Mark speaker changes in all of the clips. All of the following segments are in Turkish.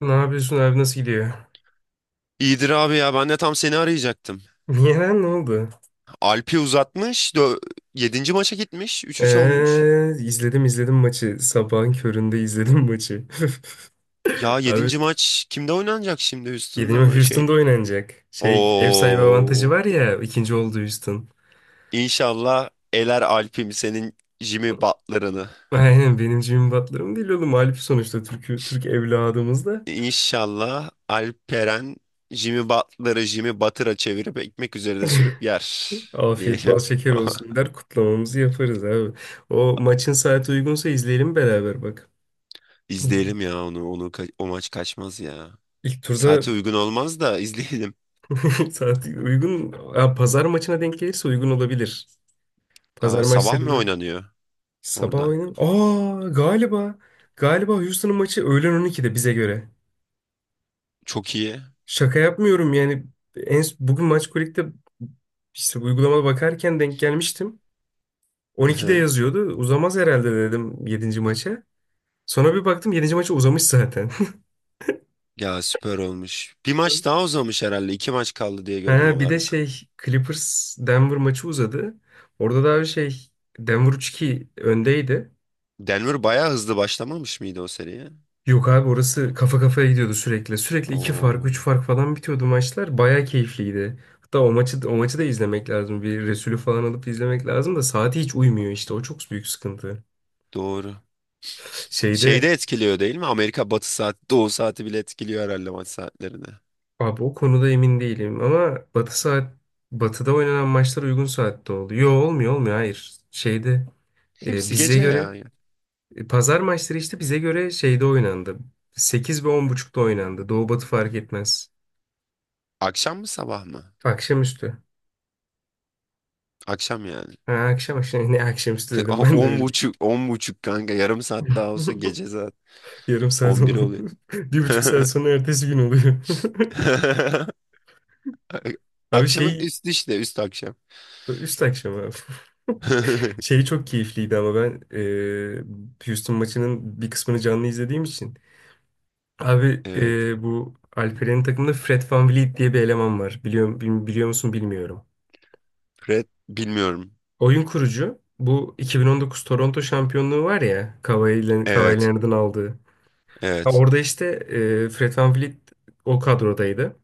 Speaker 1: Ne yapıyorsun abi, nasıl gidiyor?
Speaker 2: İyidir abi ya ben de tam seni arayacaktım.
Speaker 1: Niye lan, ne oldu?
Speaker 2: Alp'i uzatmış. Yedinci maça gitmiş. 3-3 olmuş.
Speaker 1: İzledim izledim maçı. Sabahın köründe izledim maçı.
Speaker 2: Ya
Speaker 1: Abi
Speaker 2: yedinci maç kimde oynanacak şimdi? Houston'da
Speaker 1: yenilme
Speaker 2: mı şey?
Speaker 1: Houston'da oynanacak. Şey, ev sahibi avantajı
Speaker 2: Oo.
Speaker 1: var ya, ikinci oldu Houston.
Speaker 2: İnşallah eler Alp'im senin Jimmy Butler'ını.
Speaker 1: Aynen, benim Jimmy Butler'ım değil oğlum. Mağlup sonuçta, Türk evladımız da.
Speaker 2: İnşallah Alperen Jimmy Butler'ı Jimmy Butter'a çevirip ekmek üzerine sürüp yer
Speaker 1: Afiyet bal
Speaker 2: diyelim.
Speaker 1: şeker olsun der, kutlamamızı yaparız abi. O maçın saati uygunsa izleyelim beraber bak.
Speaker 2: İzleyelim ya onu. O maç kaçmaz ya.
Speaker 1: İlk turda
Speaker 2: Saate uygun olmaz da izleyelim.
Speaker 1: saat uygun. Ha, pazar maçına denk gelirse uygun olabilir.
Speaker 2: Aa,
Speaker 1: Pazar
Speaker 2: sabah mı
Speaker 1: maçlarını
Speaker 2: oynanıyor
Speaker 1: sabah
Speaker 2: orada?
Speaker 1: oynayalım. Aa, galiba Houston'ın maçı öğlen 12'de bize göre.
Speaker 2: Çok iyi.
Speaker 1: Şaka yapmıyorum yani, en bugün maç kulüpte işte uygulamada bakarken denk gelmiştim.
Speaker 2: Hı
Speaker 1: 12'de
Speaker 2: hı.
Speaker 1: yazıyordu. Uzamaz herhalde dedim yedinci maça. Sonra bir baktım, yedinci maça uzamış zaten.
Speaker 2: Ya süper olmuş. Bir maç daha uzamış herhalde. İki maç kaldı diye gördüm
Speaker 1: Ha, bir de
Speaker 2: haberde.
Speaker 1: şey, Clippers Denver maçı uzadı. Orada da abi şey, Denver 3-2 öndeydi.
Speaker 2: Denver bayağı hızlı başlamamış mıydı o seriye?
Speaker 1: Yok abi, orası kafa kafaya gidiyordu sürekli. Sürekli iki fark,
Speaker 2: Oo,
Speaker 1: üç fark falan bitiyordu maçlar. Bayağı keyifliydi. Hatta o maçı da izlemek lazım. Bir Resulü falan alıp izlemek lazım da saati hiç uymuyor işte. O çok büyük sıkıntı.
Speaker 2: doğru. Şeyde
Speaker 1: Şeyde
Speaker 2: etkiliyor değil mi? Amerika batı saat, doğu saati bile etkiliyor herhalde maç saatlerini.
Speaker 1: abi, o konuda emin değilim ama Batı'da oynanan maçlar uygun saatte oldu. Yo, olmuyor olmuyor, hayır. Şeyde,
Speaker 2: Hepsi
Speaker 1: bize
Speaker 2: gece
Speaker 1: göre,
Speaker 2: ya.
Speaker 1: pazar maçları işte bize göre şeyde oynandı. Sekiz ve on buçukta oynandı. Doğu Batı fark etmez.
Speaker 2: Akşam mı sabah mı?
Speaker 1: Akşamüstü.
Speaker 2: Akşam yani.
Speaker 1: Ha, akşam akşam, ne akşamüstü dedim
Speaker 2: O-
Speaker 1: ben de
Speaker 2: On
Speaker 1: öyle.
Speaker 2: buçuk, 10:30 kanka. Yarım saat daha olsa gece saat
Speaker 1: Yarım saat
Speaker 2: 11
Speaker 1: oldu.
Speaker 2: oluyor.
Speaker 1: Bir buçuk saat sonra ertesi gün oluyor. Abi
Speaker 2: Akşamın
Speaker 1: şey,
Speaker 2: üstü işte, üst akşam.
Speaker 1: üst akşam abi. Şey çok keyifliydi ama ben Houston maçının bir kısmını canlı izlediğim için. Abi
Speaker 2: Evet.
Speaker 1: bu Alperen'in takımında Fred VanVleet diye bir eleman var. Biliyor musun bilmiyorum.
Speaker 2: Red bilmiyorum.
Speaker 1: Oyun kurucu. Bu 2019 Toronto şampiyonluğu var ya, Kawhi
Speaker 2: Evet.
Speaker 1: Leonard'ın aldığı. Ha,
Speaker 2: Evet.
Speaker 1: orada işte Fred VanVleet o kadrodaydı.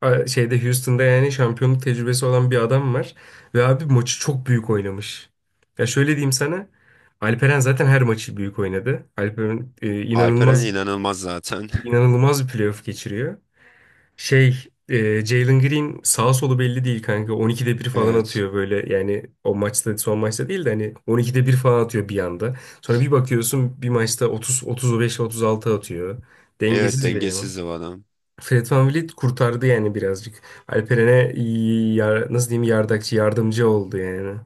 Speaker 1: Şeyde Houston'da yani şampiyonluk tecrübesi olan bir adam var. Ve abi maçı çok büyük oynamış. Ya şöyle diyeyim sana. Alperen zaten her maçı büyük oynadı. Alperen
Speaker 2: Alperen
Speaker 1: inanılmaz
Speaker 2: inanılmaz zaten.
Speaker 1: inanılmaz bir playoff geçiriyor. Şey, Jalen Green sağ solu belli değil kanka. 12'de bir falan
Speaker 2: Evet.
Speaker 1: atıyor böyle. Yani o maçta, son maçta değil de hani 12'de bir falan atıyor bir anda. Sonra bir bakıyorsun bir maçta 30 35 36 atıyor.
Speaker 2: Evet,
Speaker 1: Dengesiz bir eleman.
Speaker 2: dengesiz bu adam.
Speaker 1: Fred VanVleet kurtardı yani birazcık. Alperen'e nasıl diyeyim, yardakçı yardımcı oldu yani.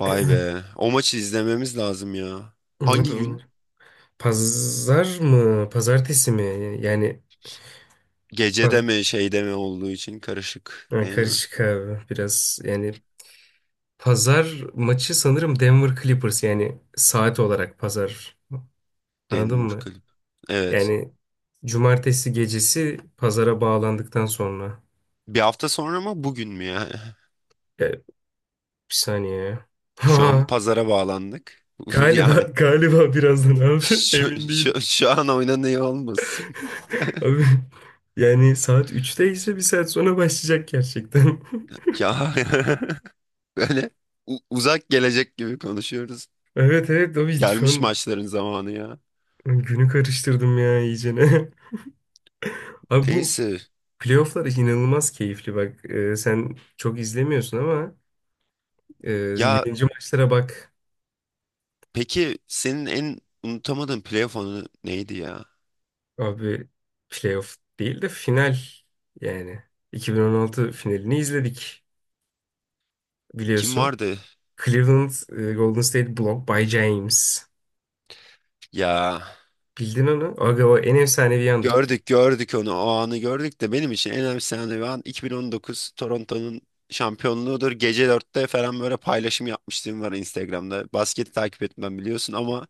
Speaker 2: Vay be. O maçı izlememiz lazım ya.
Speaker 1: Evet,
Speaker 2: Hangi gün?
Speaker 1: Ömer. Pazar mı? Pazartesi mi? Yani
Speaker 2: Gecede
Speaker 1: pa-
Speaker 2: mi şeyde mi olduğu için karışık
Speaker 1: ha,
Speaker 2: değil mi?
Speaker 1: karışık abi biraz yani, pazar maçı sanırım Denver Clippers yani saat olarak pazar. Anladın
Speaker 2: Denver
Speaker 1: mı?
Speaker 2: kulüp. Evet.
Speaker 1: Yani cumartesi gecesi pazara bağlandıktan sonra.
Speaker 2: Bir hafta sonra mı bugün mü ya?
Speaker 1: Ya, bir saniye. Ya.
Speaker 2: Şu an pazara bağlandık.
Speaker 1: Galiba
Speaker 2: Yani
Speaker 1: galiba birazdan abi,
Speaker 2: şu,
Speaker 1: emin değilim.
Speaker 2: şu, şu an oynanıyor olmasın.
Speaker 1: Abi yani saat 3'te ise bir saat sonra başlayacak gerçekten.
Speaker 2: Ya böyle uzak gelecek gibi konuşuyoruz.
Speaker 1: Evet evet abi, şu
Speaker 2: Gelmiş
Speaker 1: an
Speaker 2: maçların zamanı ya.
Speaker 1: günü karıştırdım ya iyicene. Abi bu
Speaker 2: Neyse.
Speaker 1: playofflar inanılmaz keyifli bak. Sen çok izlemiyorsun ama
Speaker 2: Ya
Speaker 1: 7. maçlara bak.
Speaker 2: peki senin en unutamadığın playoff anı neydi ya?
Speaker 1: Abi playoff değil de final yani. 2016 finalini izledik
Speaker 2: Kim
Speaker 1: biliyorsun.
Speaker 2: vardı?
Speaker 1: Cleveland, Golden State Blocked by James.
Speaker 2: Ya
Speaker 1: Bildin onu? Aga o en efsanevi yandır
Speaker 2: gördük gördük onu, o anı gördük de benim için en önemlisi anı ve an 2019 Toronto'nun şampiyonluğudur. Gece dörtte falan böyle paylaşım yapmıştım var Instagram'da. Basketi takip etmem biliyorsun ama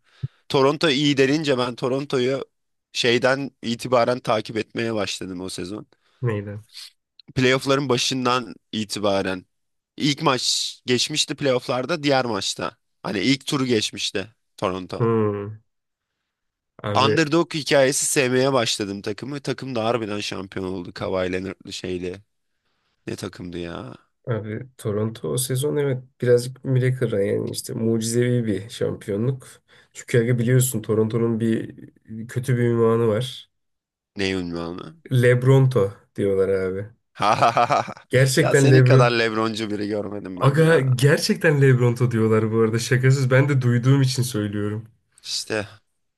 Speaker 2: Toronto iyi denince ben Toronto'yu şeyden itibaren takip etmeye başladım o sezon.
Speaker 1: meydan.
Speaker 2: Playoff'ların başından itibaren ilk maç geçmişti playoff'larda diğer maçta. Hani ilk turu geçmişti Toronto.
Speaker 1: Hmm. Abi
Speaker 2: Underdog hikayesi sevmeye başladım takımı. Takım da harbiden şampiyon oldu. Kawhi Leonard'lı şeyli. Ne takımdı ya?
Speaker 1: abi Toronto o sezon evet birazcık miracle, yani işte mucizevi bir şampiyonluk. Çünkü aga biliyorsun, Toronto'nun kötü bir ünvanı var.
Speaker 2: Ne ünvanı?
Speaker 1: Lebronto diyorlar abi.
Speaker 2: Ha ha ha, ha. Ya
Speaker 1: Gerçekten
Speaker 2: senin kadar
Speaker 1: Lebron.
Speaker 2: LeBroncu biri görmedim ben
Speaker 1: Aga
Speaker 2: ya.
Speaker 1: gerçekten Lebronto diyorlar bu arada, şakasız, ben de duyduğum için söylüyorum.
Speaker 2: İşte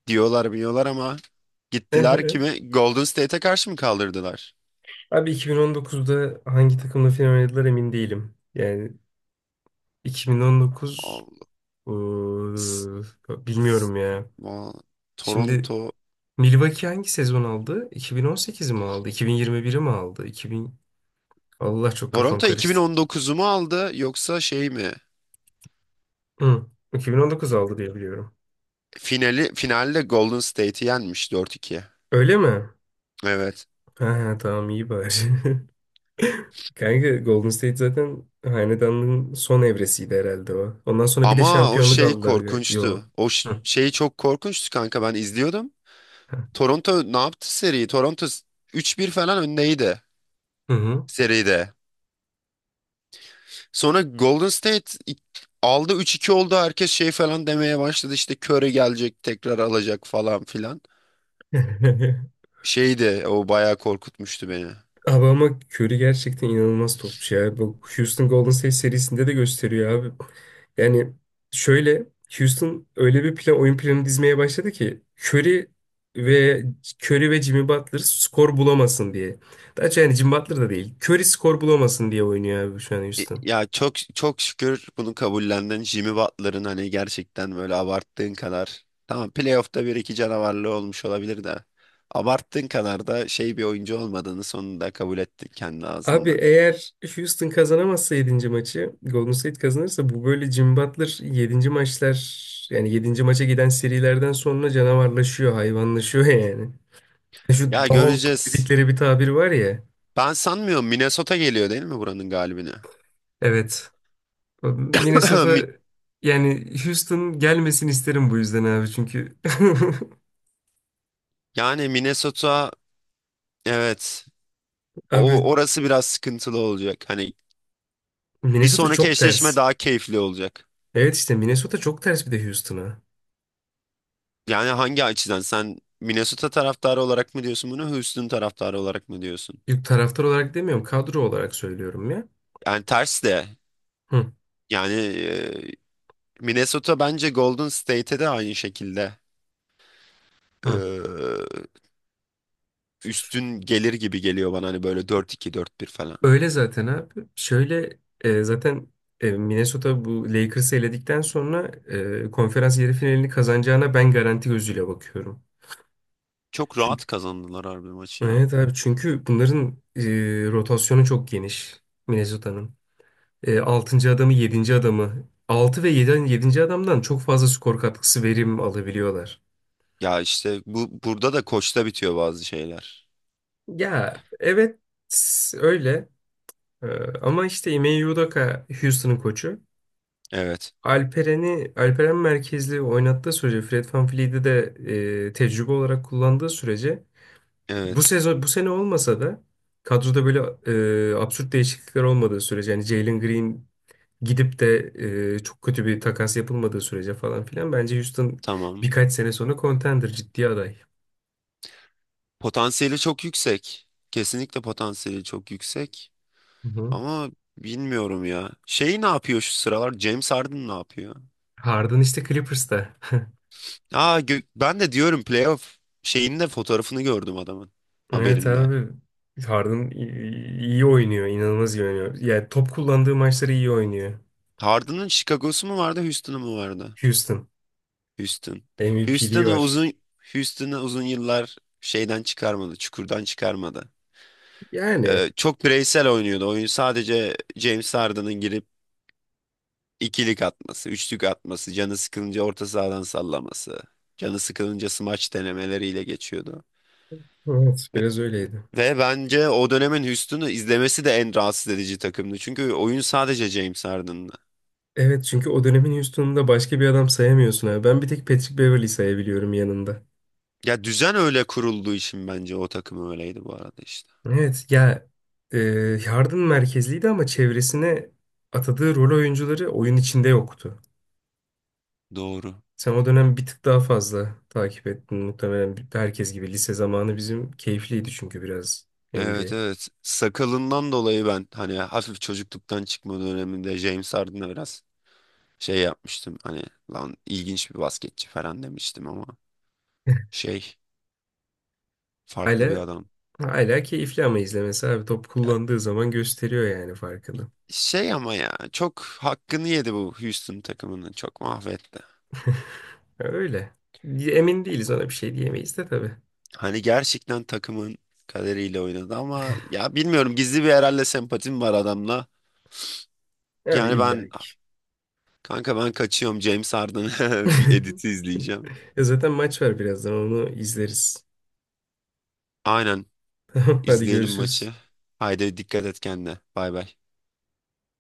Speaker 2: diyorlar, biliyorlar ama gittiler kimi? Golden State'e karşı mı kaldırdılar?
Speaker 1: Abi 2019'da hangi takımla final oynadılar emin değilim. Yani 2019,
Speaker 2: Allah. S-
Speaker 1: ıı,
Speaker 2: s-
Speaker 1: bilmiyorum ya.
Speaker 2: Va-
Speaker 1: Şimdi
Speaker 2: Toronto
Speaker 1: Milwaukee hangi sezon aldı? 2018 mi aldı? 2021'i mi aldı? 2000. Allah, çok kafam
Speaker 2: Toronto
Speaker 1: karıştı.
Speaker 2: 2019'u mu aldı yoksa şey mi?
Speaker 1: Hı. 2019 aldı diye biliyorum.
Speaker 2: Finali finalde Golden State'i yenmiş 4-2.
Speaker 1: Öyle mi?
Speaker 2: Evet.
Speaker 1: Ha, ha, tamam, iyi bari. Kanka Golden State zaten hanedanlığın son evresiydi herhalde o. Ondan sonra bir de
Speaker 2: Ama o
Speaker 1: şampiyonluk
Speaker 2: şey
Speaker 1: aldılar. Yo.
Speaker 2: korkunçtu. O ş-
Speaker 1: Hı.
Speaker 2: şey çok korkunçtu kanka, ben izliyordum. Toronto ne yaptı seriyi? 3-1 falan öndeydi
Speaker 1: Hı hı.
Speaker 2: seride. Sonra aldı, 3-2 oldu, herkes şey falan demeye başladı. İşte Curry gelecek, tekrar alacak falan filan. Şeydi o, bayağı korkutmuştu beni.
Speaker 1: Abi ama Curry gerçekten inanılmaz topçu ya. Bu Houston Golden State serisinde de gösteriyor abi. Yani şöyle, Houston öyle bir plan, oyun planı dizmeye başladı ki Curry ve Curry ve Jimmy Butler skor bulamasın diye. Daha çok yani Jimmy Butler da değil. Curry skor bulamasın diye oynuyor abi şu an Houston.
Speaker 2: Ya çok çok şükür bunu kabullendin. Jimmy Butler'ın hani gerçekten böyle abarttığın kadar. Tamam, playoff'ta bir iki canavarlığı olmuş olabilir de. Abarttığın kadar da şey bir oyuncu olmadığını sonunda kabul ettin kendi
Speaker 1: Abi
Speaker 2: ağzında.
Speaker 1: eğer Houston kazanamazsa yedinci maçı, Golden State kazanırsa, bu böyle Jimmy Butler yedinci maçlar, yani yedinci maça giden serilerden sonra canavarlaşıyor, hayvanlaşıyor yani. Şu
Speaker 2: Ya
Speaker 1: dog
Speaker 2: göreceğiz.
Speaker 1: dedikleri bir tabir var ya.
Speaker 2: Ben sanmıyorum, Minnesota geliyor değil mi buranın galibine?
Speaker 1: Evet. Minnesota,
Speaker 2: Mi-
Speaker 1: yani Houston gelmesin isterim bu yüzden abi çünkü.
Speaker 2: Yani Minnesota, evet
Speaker 1: Abi
Speaker 2: o orası biraz sıkıntılı olacak. Hani bir
Speaker 1: Minnesota
Speaker 2: sonraki
Speaker 1: çok
Speaker 2: eşleşme
Speaker 1: ters.
Speaker 2: daha keyifli olacak.
Speaker 1: Evet işte Minnesota çok ters bir de Houston'a.
Speaker 2: Yani hangi açıdan sen Minnesota taraftarı olarak mı diyorsun bunu, Houston taraftarı olarak mı diyorsun?
Speaker 1: Yok, taraftar olarak demiyorum, kadro olarak söylüyorum ya.
Speaker 2: Yani ters de
Speaker 1: Hı.
Speaker 2: yani Minnesota bence Golden State'e de aynı şekilde
Speaker 1: Hı.
Speaker 2: e, üstün gelir gibi geliyor bana hani böyle 4-2 4-1 falan.
Speaker 1: Öyle zaten abi. Şöyle, zaten Minnesota bu Lakers'ı eledikten sonra konferans yarı finalini kazanacağına ben garanti gözüyle bakıyorum.
Speaker 2: Çok
Speaker 1: Çünkü
Speaker 2: rahat kazandılar harbi maçı ya.
Speaker 1: Evet abi çünkü bunların rotasyonu çok geniş Minnesota'nın. 6. adamı, yedinci adamı, 6 ve 7. adamdan çok fazla skor katkısı verim alabiliyorlar.
Speaker 2: Ya işte bu, burada da koçta bitiyor bazı şeyler.
Speaker 1: Ya evet, öyle. E, ama işte Ime Udoka Houston'ın koçu.
Speaker 2: Evet.
Speaker 1: Alperen merkezli oynattığı sürece, Fred VanVleet'i de tecrübe olarak kullandığı sürece, bu
Speaker 2: Evet.
Speaker 1: sezon, bu sene olmasa da kadroda böyle absürt değişiklikler olmadığı sürece, yani Jalen Green gidip de çok kötü bir takas yapılmadığı sürece falan filan, bence Houston
Speaker 2: Tamam.
Speaker 1: birkaç sene sonra contender, ciddi aday.
Speaker 2: Potansiyeli çok yüksek. Kesinlikle potansiyeli çok yüksek.
Speaker 1: Hı hı.
Speaker 2: Ama bilmiyorum ya. Şey ne yapıyor şu sıralar? James Harden ne yapıyor?
Speaker 1: Harden işte Clippers'ta.
Speaker 2: Aa, ben de diyorum playoff şeyinde fotoğrafını gördüm adamın
Speaker 1: Evet
Speaker 2: haberinde.
Speaker 1: abi. Harden iyi oynuyor. İnanılmaz iyi oynuyor. Yani top kullandığı maçları iyi oynuyor.
Speaker 2: Harden'ın Chicago'su mu vardı, Houston'u mu vardı?
Speaker 1: Houston.
Speaker 2: Houston.
Speaker 1: MVP'liği
Speaker 2: Houston'a
Speaker 1: var.
Speaker 2: uzun Houston'a uzun yıllar şeyden çıkarmadı, çukurdan çıkarmadı.
Speaker 1: Yani.
Speaker 2: Çok bireysel oynuyordu. Oyun sadece James Harden'ın girip ikilik atması, üçlük atması, canı sıkılınca orta sahadan sallaması, canı sıkılınca smaç denemeleriyle geçiyordu.
Speaker 1: Evet. Biraz öyleydi.
Speaker 2: Ve bence o dönemin Houston'u izlemesi de en rahatsız edici takımdı. Çünkü oyun sadece James Harden'la.
Speaker 1: Evet, çünkü o dönemin Houston'unda başka bir adam sayamıyorsun abi. Ben bir tek Patrick Beverley sayabiliyorum yanında.
Speaker 2: Ya düzen öyle kurulduğu için bence o takım öyleydi bu arada işte.
Speaker 1: Evet ya, e, yardım merkezliydi ama çevresine atadığı rol oyuncuları oyun içinde yoktu.
Speaker 2: Doğru.
Speaker 1: Sen o dönem bir tık daha fazla takip ettin muhtemelen herkes gibi. Lise zamanı bizim keyifliydi çünkü biraz
Speaker 2: Evet
Speaker 1: NBA.
Speaker 2: evet. Sakalından dolayı ben hani hafif çocukluktan çıkma döneminde James Harden'a biraz şey yapmıştım. Hani lan ilginç bir basketçi falan demiştim ama şey farklı bir
Speaker 1: Hala
Speaker 2: adam.
Speaker 1: hala keyifli ama izlemesi abi, top kullandığı zaman gösteriyor yani farkını.
Speaker 2: Şey ama ya çok hakkını yedi bu Houston takımının. Çok mahvetti.
Speaker 1: Ya öyle. Emin değiliz, ona bir şey diyemeyiz de tabii.
Speaker 2: Hani gerçekten takımın kaderiyle oynadı ama ya bilmiyorum, gizli bir herhalde sempatim var adamla.
Speaker 1: Abi
Speaker 2: Yani
Speaker 1: illa
Speaker 2: ben,
Speaker 1: ki.
Speaker 2: kanka ben kaçıyorum, James Harden bir editi izleyeceğim.
Speaker 1: Ya zaten maç var birazdan, onu izleriz.
Speaker 2: Aynen
Speaker 1: Tamam hadi
Speaker 2: izleyelim
Speaker 1: görüşürüz.
Speaker 2: maçı. Haydi, dikkat et kendine. Bay bay.